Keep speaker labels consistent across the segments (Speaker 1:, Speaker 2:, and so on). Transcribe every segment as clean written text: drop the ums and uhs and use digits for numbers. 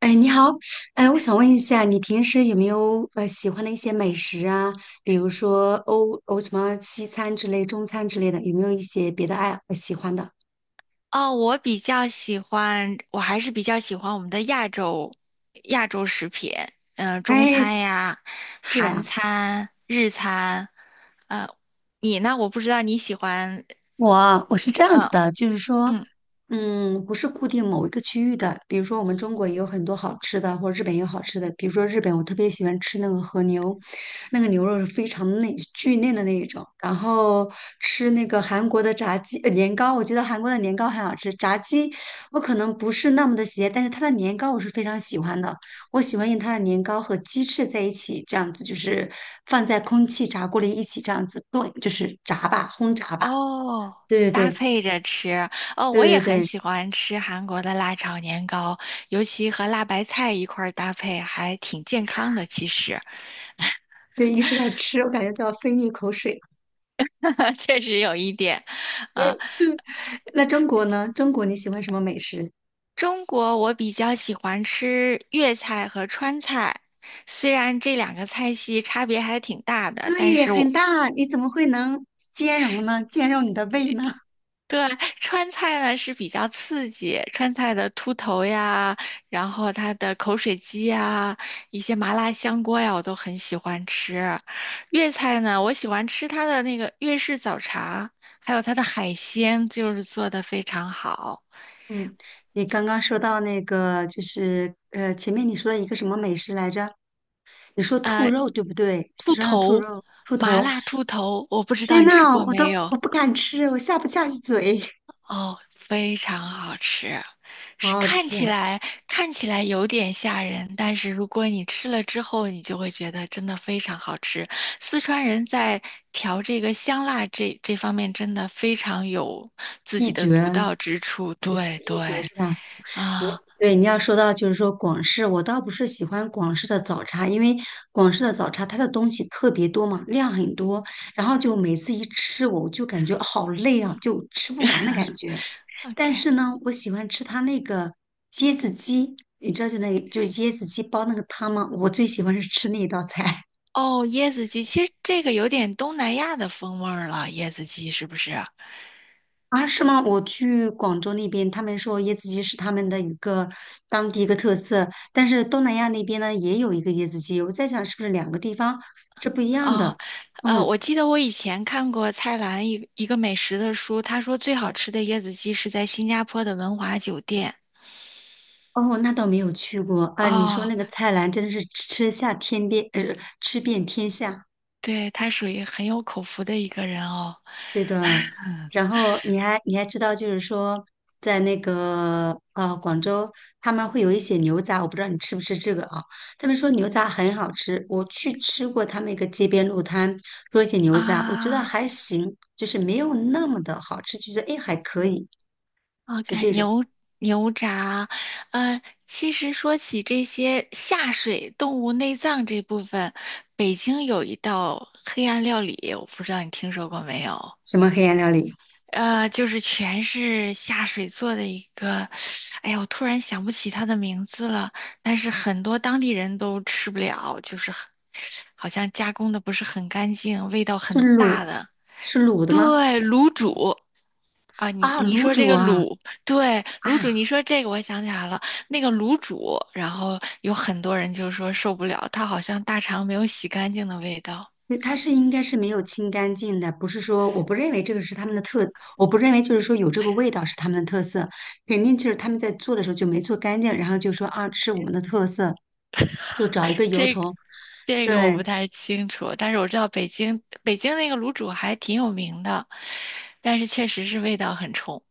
Speaker 1: 哎，你好。哎，我想问一下，你平时有没有喜欢的一些美食啊？比如说什么西餐之类、中餐之类的，有没有一些别的喜欢的？
Speaker 2: 哦，我比较喜欢，我还是比较喜欢我们的亚洲食品，嗯、中
Speaker 1: 哎，
Speaker 2: 餐呀、
Speaker 1: 是吧？
Speaker 2: 韩餐、日餐。呃，你呢？我不知道你喜欢。
Speaker 1: 我是这样子
Speaker 2: 嗯
Speaker 1: 的，就是说，
Speaker 2: 嗯。
Speaker 1: 嗯，不是固定某一个区域的。比如说，我们中国也有很多好吃的，或者日本也有好吃的。比如说，日本我特别喜欢吃那个和牛，那个牛肉是非常嫩、巨嫩的那一种。然后吃那个韩国的炸鸡、年糕，我觉得韩国的年糕很好吃。炸鸡我可能不是那么的喜爱，但是它的年糕我是非常喜欢的。我喜欢用它的年糕和鸡翅在一起，这样子就是放在空气炸锅里一起这样子炖，就是炸吧，轰炸吧。
Speaker 2: 哦，
Speaker 1: 对
Speaker 2: 搭
Speaker 1: 对
Speaker 2: 配着吃。哦，
Speaker 1: 对
Speaker 2: 我也
Speaker 1: 对
Speaker 2: 很
Speaker 1: 对对。
Speaker 2: 喜欢吃韩国的辣炒年糕，尤其和辣白菜一块儿搭配，还挺健康 的，其实。
Speaker 1: 对，一说到吃，我感觉都要分一口水。
Speaker 2: 确实有一点。啊。
Speaker 1: 嗯。那中国呢？中国你喜欢什么美食？
Speaker 2: 中国我比较喜欢吃粤菜和川菜，虽然这两个菜系差别还挺大的，但
Speaker 1: 对，
Speaker 2: 是
Speaker 1: 很
Speaker 2: 我
Speaker 1: 大，你怎么会能兼容呢？兼容你的胃呢？
Speaker 2: 对川菜呢是比较刺激，川菜的秃头呀，然后它的口水鸡呀，一些麻辣香锅呀，我都很喜欢吃。粤菜呢，我喜欢吃它的那个粤式早茶，还有它的海鲜，就是做的非常好。
Speaker 1: 嗯，你刚刚说到那个，就是前面你说的一个什么美食来着？你说兔
Speaker 2: 呃，
Speaker 1: 肉对不对？四
Speaker 2: 兔
Speaker 1: 川的兔
Speaker 2: 头，
Speaker 1: 肉、兔
Speaker 2: 麻
Speaker 1: 头，
Speaker 2: 辣兔头，我不知道
Speaker 1: 天
Speaker 2: 你吃
Speaker 1: 呐，
Speaker 2: 过
Speaker 1: 我都
Speaker 2: 没有。
Speaker 1: 我不敢吃，我下不下去嘴，
Speaker 2: 哦，非常好吃，
Speaker 1: 好
Speaker 2: 是
Speaker 1: 好
Speaker 2: 看
Speaker 1: 吃啊。
Speaker 2: 起来有点吓人，但是如果你吃了之后，你就会觉得真的非常好吃。四川人在调这个香辣这方面真的非常有自
Speaker 1: 一
Speaker 2: 己的独
Speaker 1: 绝，
Speaker 2: 到之处。
Speaker 1: 也
Speaker 2: 对
Speaker 1: 是一绝
Speaker 2: 对。
Speaker 1: 是吧？你
Speaker 2: 啊
Speaker 1: 对你要说到就是说广式，我倒不是喜欢广式的早茶，因为广式的早茶它的东西特别多嘛，量很多，然后就每次一吃我就感觉好累啊，就吃不完的感觉。但
Speaker 2: ，OK。
Speaker 1: 是呢，我喜欢吃它那个椰子鸡，你知道就那个就是椰子鸡煲那个汤吗？我最喜欢是吃那一道菜。
Speaker 2: 哦，椰子鸡，其实这个有点东南亚的风味儿了，椰子鸡是不是？
Speaker 1: 啊，是吗？我去广州那边，他们说椰子鸡是他们的一个当地一个特色，但是东南亚那边呢也有一个椰子鸡，我在想是不是两个地方是不一样
Speaker 2: 哦，
Speaker 1: 的？嗯。
Speaker 2: 我记得我以前看过蔡澜一个美食的书，他说最好吃的椰子鸡是在新加坡的文华酒店。
Speaker 1: 哦，那倒没有去过啊。你说
Speaker 2: 哦，
Speaker 1: 那个菜篮真的是吃下天边，吃遍天下。
Speaker 2: 对，他属于很有口福的一个人哦。
Speaker 1: 对的，然后你还知道，就是说，在那个广州，他们会有一些牛杂，我不知道你吃不吃这个啊？他们说牛杂很好吃，我去吃过他们一个街边路摊做一些牛杂，我觉得
Speaker 2: 啊
Speaker 1: 还行，就是没有那么的好吃，就觉得哎还可以，是
Speaker 2: ，OK。
Speaker 1: 这种。
Speaker 2: 牛杂。嗯，其实说起这些下水动物内脏这部分，北京有一道黑暗料理，我不知道你听说过没有？
Speaker 1: 什么黑暗料理？
Speaker 2: 就是全是下水做的一个，哎呀，我突然想不起它的名字了。但是很多当地人都吃不了，就是很好像加工的不是很干净，味道
Speaker 1: 是
Speaker 2: 很大
Speaker 1: 卤
Speaker 2: 的。
Speaker 1: 是卤的
Speaker 2: 对，
Speaker 1: 吗？
Speaker 2: 卤煮啊。你
Speaker 1: 啊，
Speaker 2: 你
Speaker 1: 卤
Speaker 2: 说这
Speaker 1: 煮
Speaker 2: 个
Speaker 1: 啊。
Speaker 2: 卤，对，卤煮，
Speaker 1: 啊，
Speaker 2: 你说这个，我想起来了，那个卤煮，然后有很多人就说受不了，它好像大肠没有洗干净的味道。
Speaker 1: 嗯它是应该是没有清干净的，不是说我不认为这个是他们的特，我不认为就是说有这个味道是他们的特色，肯定就是他们在做的时候就没做干净，然后就说啊，这是我们的特色，就找一个由
Speaker 2: 这
Speaker 1: 头。
Speaker 2: 这个我
Speaker 1: 对，
Speaker 2: 不太清楚，但是我知道北京那个卤煮还挺有名的，但是确实是味道很冲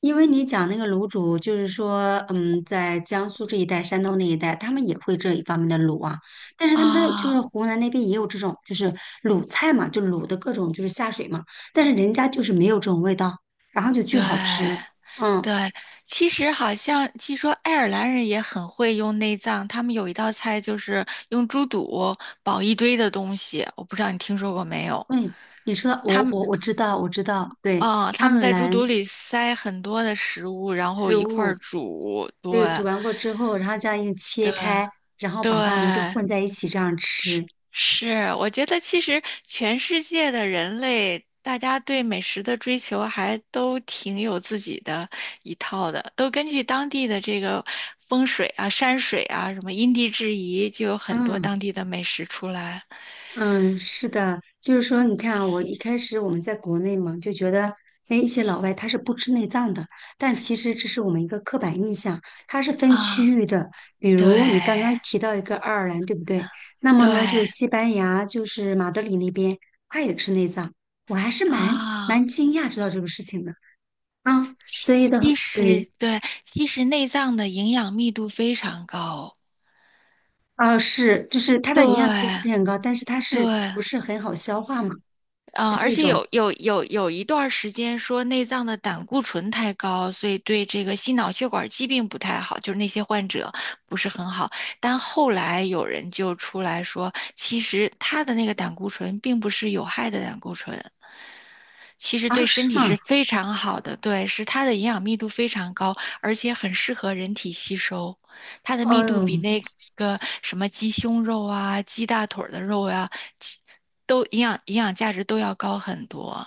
Speaker 1: 因为你讲那个卤煮，就是说，嗯，在江苏这一带、山东那一带，他们也会这一方面的卤啊，但是他们那就是
Speaker 2: 啊。
Speaker 1: 湖南那边也有这种，就是卤菜嘛，就卤的各种就是下水嘛，但是人家就是没有这种味道，然后就巨好吃。
Speaker 2: 对
Speaker 1: 嗯。
Speaker 2: 对。其实好像据说爱尔兰人也很会用内脏，他们有一道菜就是用猪肚煲一堆的东西，我不知道你听说过没有？
Speaker 1: 嗯，你说我知道我知道，对，
Speaker 2: 啊，他
Speaker 1: 爱
Speaker 2: 们
Speaker 1: 尔
Speaker 2: 在猪
Speaker 1: 兰
Speaker 2: 肚里塞很多的食物，然后
Speaker 1: 食
Speaker 2: 一块儿
Speaker 1: 物，
Speaker 2: 煮，对
Speaker 1: 对，煮完过之后，然后这样一切
Speaker 2: 对
Speaker 1: 开，然后把它们就
Speaker 2: 对。
Speaker 1: 混在一起这样
Speaker 2: 是，
Speaker 1: 吃。
Speaker 2: 是，我觉得其实全世界的人类，大家对美食的追求还都挺有自己的一套的，都根据当地的这个风水啊、山水啊、什么因地制宜，就有很多
Speaker 1: 嗯。
Speaker 2: 当地的美食出来
Speaker 1: 嗯，是的，就是说，你看啊，我一开始我们在国内嘛，就觉得，哎，一些老外他是不吃内脏的，但其实这是我们一个刻板印象，它是分区
Speaker 2: 啊。
Speaker 1: 域的。比如你刚
Speaker 2: 对
Speaker 1: 刚提到一个爱尔兰，对不对？那么
Speaker 2: 对
Speaker 1: 呢，就是西班牙，就是马德里那边，他也吃内脏，我还是蛮
Speaker 2: 啊。
Speaker 1: 蛮惊讶知道这个事情的啊。所以
Speaker 2: 其
Speaker 1: 的，
Speaker 2: 实
Speaker 1: 对。
Speaker 2: 对，其实内脏的营养密度非常高。
Speaker 1: 啊，是，就是它的营养密度是非
Speaker 2: 对
Speaker 1: 常高，但是它
Speaker 2: 对。
Speaker 1: 是不是很好消化嘛？
Speaker 2: 嗯，
Speaker 1: 是
Speaker 2: 而
Speaker 1: 这
Speaker 2: 且
Speaker 1: 种。
Speaker 2: 有一段儿时间说内脏的胆固醇太高，所以对这个心脑血管疾病不太好，就是那些患者不是很好。但后来有人就出来说，其实他的那个胆固醇并不是有害的胆固醇，其实
Speaker 1: 啊，
Speaker 2: 对
Speaker 1: 是
Speaker 2: 身体
Speaker 1: 吗？
Speaker 2: 是非常好的，对，是它的营养密度非常高，而且很适合人体吸收。它的密度
Speaker 1: 哦。
Speaker 2: 比那个什么鸡胸肉啊、鸡大腿儿的肉呀、鸡都营养价值都要高很多。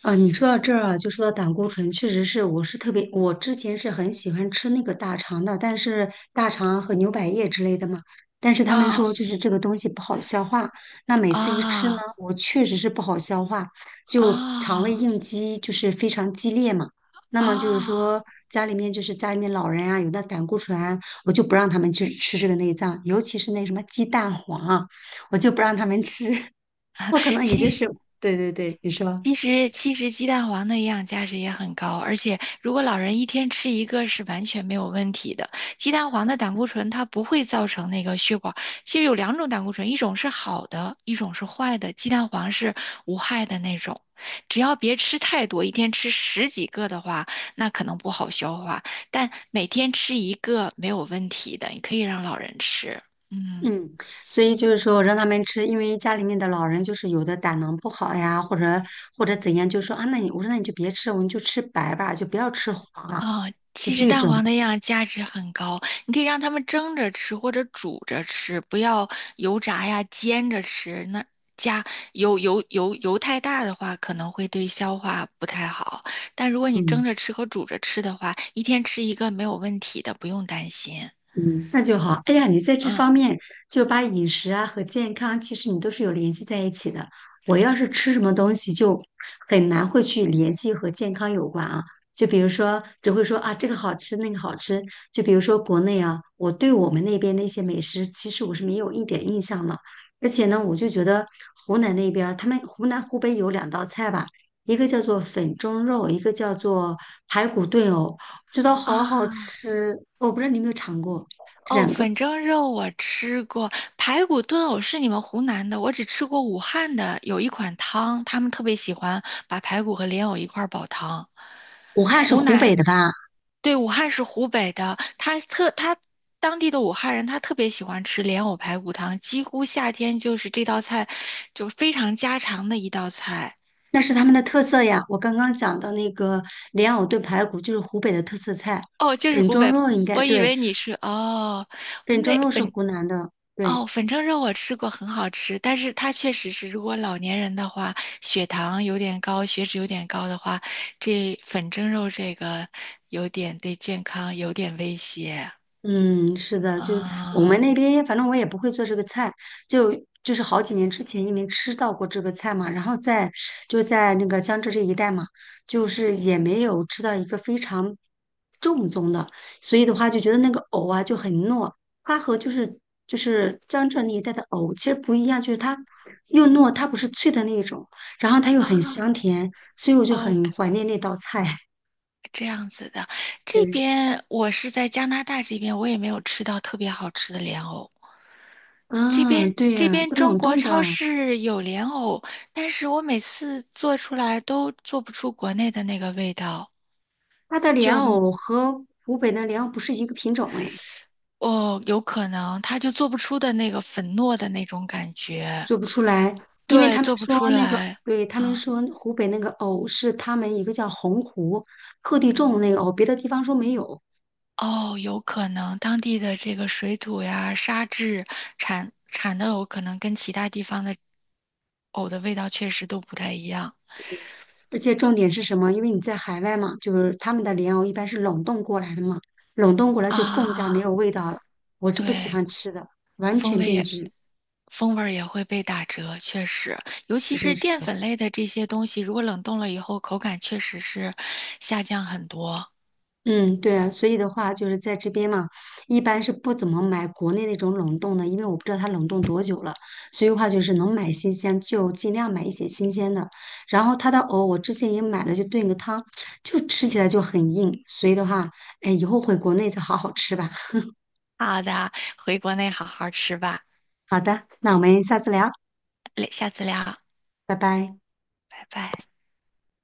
Speaker 1: 啊，你说到这儿啊，就说到胆固醇，确实是，我是特别，我之前是很喜欢吃那个大肠的，但是大肠和牛百叶之类的嘛，但是他们
Speaker 2: 啊
Speaker 1: 说就是这个东西不好消化，那每次一吃呢，
Speaker 2: 啊
Speaker 1: 我确实是不好消化，就肠胃
Speaker 2: 啊
Speaker 1: 应激就是非常激烈嘛。那么就是
Speaker 2: 啊！
Speaker 1: 说家里面老人啊，有那胆固醇啊我就不让他们去吃这个内脏，尤其是那什么鸡蛋黄啊，我就不让他们吃，我可能也
Speaker 2: 其
Speaker 1: 就
Speaker 2: 实，
Speaker 1: 是，对对对，你说。
Speaker 2: 其实鸡蛋黄的营养价值也很高，而且如果老人一天吃一个是完全没有问题的。鸡蛋黄的胆固醇它不会造成那个血管，其实有两种胆固醇，一种是好的，一种是坏的。鸡蛋黄是无害的那种，只要别吃太多，一天吃十几个的话，那可能不好消化，但每天吃一个没有问题的，你可以让老人吃。嗯。
Speaker 1: 嗯，所以就是说让他们吃，因为家里面的老人就是有的胆囊不好呀，或者或者怎样，就说啊，那你我说那你就别吃，我们就吃白吧，就不要吃黄啊，
Speaker 2: 啊、
Speaker 1: 就
Speaker 2: 其实
Speaker 1: 这
Speaker 2: 蛋
Speaker 1: 种。
Speaker 2: 黄那样价值很高，你可以让他们蒸着吃或者煮着吃，不要油炸呀、煎着吃。那加油太大的话，可能会对消化不太好。但如果你
Speaker 1: 嗯。
Speaker 2: 蒸着吃和煮着吃的话，一天吃一个没有问题的，不用担心。
Speaker 1: 嗯，那就好。哎呀，你在这
Speaker 2: 嗯
Speaker 1: 方面就把饮食啊和健康，其实你都是有联系在一起的。我要是吃什么东西，就很难会去联系和健康有关啊。就比如说，只会说啊这个好吃，那个好吃。就比如说国内啊，我对我们那边那些美食，其实我是没有一点印象的。而且呢，我就觉得湖南那边儿他们湖南、湖北有两道菜吧，一个叫做粉蒸肉，一个叫做排骨炖藕，觉得好好
Speaker 2: 啊。
Speaker 1: 吃。我不知道你有没有尝过。这
Speaker 2: 哦，
Speaker 1: 两个，
Speaker 2: 粉蒸肉我吃过，排骨炖藕是你们湖南的，我只吃过武汉的，有一款汤，他们特别喜欢把排骨和莲藕一块儿煲汤。
Speaker 1: 武汉是
Speaker 2: 湖
Speaker 1: 湖北
Speaker 2: 南，
Speaker 1: 的吧？
Speaker 2: 对，武汉是湖北的，他当地的武汉人，他特别喜欢吃莲藕排骨汤，几乎夏天就是这道菜，就非常家常的一道菜。
Speaker 1: 那是他们的特色呀。我刚刚讲的那个莲藕炖排骨就是湖北的特色菜，
Speaker 2: 哦，就是
Speaker 1: 梗
Speaker 2: 湖
Speaker 1: 蒸
Speaker 2: 北，
Speaker 1: 肉应该
Speaker 2: 我以
Speaker 1: 对，
Speaker 2: 为你是哦，
Speaker 1: 梗蒸
Speaker 2: 那
Speaker 1: 肉是
Speaker 2: 粉
Speaker 1: 湖南的，对。
Speaker 2: 哦，粉蒸肉我吃过，很好吃，但是它确实是，如果老年人的话，血糖有点高，血脂有点高的话，这粉蒸肉这个有点对健康有点威胁。
Speaker 1: 嗯，是的，就是我们
Speaker 2: 啊
Speaker 1: 那边，反正我也不会做这个菜，就是好几年之前因为吃到过这个菜嘛，然后就在那个江浙这一带嘛，就是也没有吃到一个非常正宗的，所以的话就觉得那个藕啊就很糯，它和就是江浙那一带的藕其实不一样，就是它又糯，它不是脆的那一种，然后它又很香
Speaker 2: 啊。
Speaker 1: 甜，所以我就
Speaker 2: 哦，
Speaker 1: 很怀念那道菜。
Speaker 2: 这样子的。这
Speaker 1: 对，
Speaker 2: 边我是在加拿大这边，我也没有吃到特别好吃的莲藕。
Speaker 1: 啊，对
Speaker 2: 这
Speaker 1: 呀，
Speaker 2: 边
Speaker 1: 都
Speaker 2: 中
Speaker 1: 冷
Speaker 2: 国
Speaker 1: 冻
Speaker 2: 超
Speaker 1: 的。
Speaker 2: 市有莲藕，但是我每次做出来都做不出国内的那个味道。
Speaker 1: 它的莲
Speaker 2: 就。
Speaker 1: 藕和湖北的莲藕不是一个品种哎，
Speaker 2: 哦，有可能他就做不出的那个粉糯的那种感觉，
Speaker 1: 做不出来，因为
Speaker 2: 对，
Speaker 1: 他们
Speaker 2: 做不
Speaker 1: 说
Speaker 2: 出
Speaker 1: 那个，
Speaker 2: 来
Speaker 1: 对，他们
Speaker 2: 啊。
Speaker 1: 说湖北那个藕是他们一个叫洪湖特地种的那个藕，别的地方说没有。
Speaker 2: 哦，有可能当地的这个水土呀、沙质产的藕，可能跟其他地方的藕的味道确实都不太一样
Speaker 1: 而且重点是什么？因为你在海外嘛，就是他们的莲藕一般是冷冻过来的嘛，冷冻过来就更加没
Speaker 2: 啊。
Speaker 1: 有味道了。我是不喜
Speaker 2: 对，
Speaker 1: 欢吃的，完
Speaker 2: 风
Speaker 1: 全
Speaker 2: 味
Speaker 1: 变
Speaker 2: 也
Speaker 1: 质，
Speaker 2: 风味儿也会被打折，确实，尤其
Speaker 1: 都
Speaker 2: 是
Speaker 1: 是。
Speaker 2: 淀粉类的这些东西，如果冷冻了以后，口感确实是下降很多。
Speaker 1: 嗯，对啊，所以的话就是在这边嘛，一般是不怎么买国内那种冷冻的，因为我不知道它冷冻多久了，所以的话就是能买新鲜就尽量买一些新鲜的。然后它的藕我之前也买了，就炖个汤，就吃起来就很硬，所以的话，哎，以后回国内再好好吃吧。
Speaker 2: 好的，回国内好好吃吧，
Speaker 1: 好的，那我们下次聊，
Speaker 2: 嘞下次聊。
Speaker 1: 拜拜。
Speaker 2: 拜拜。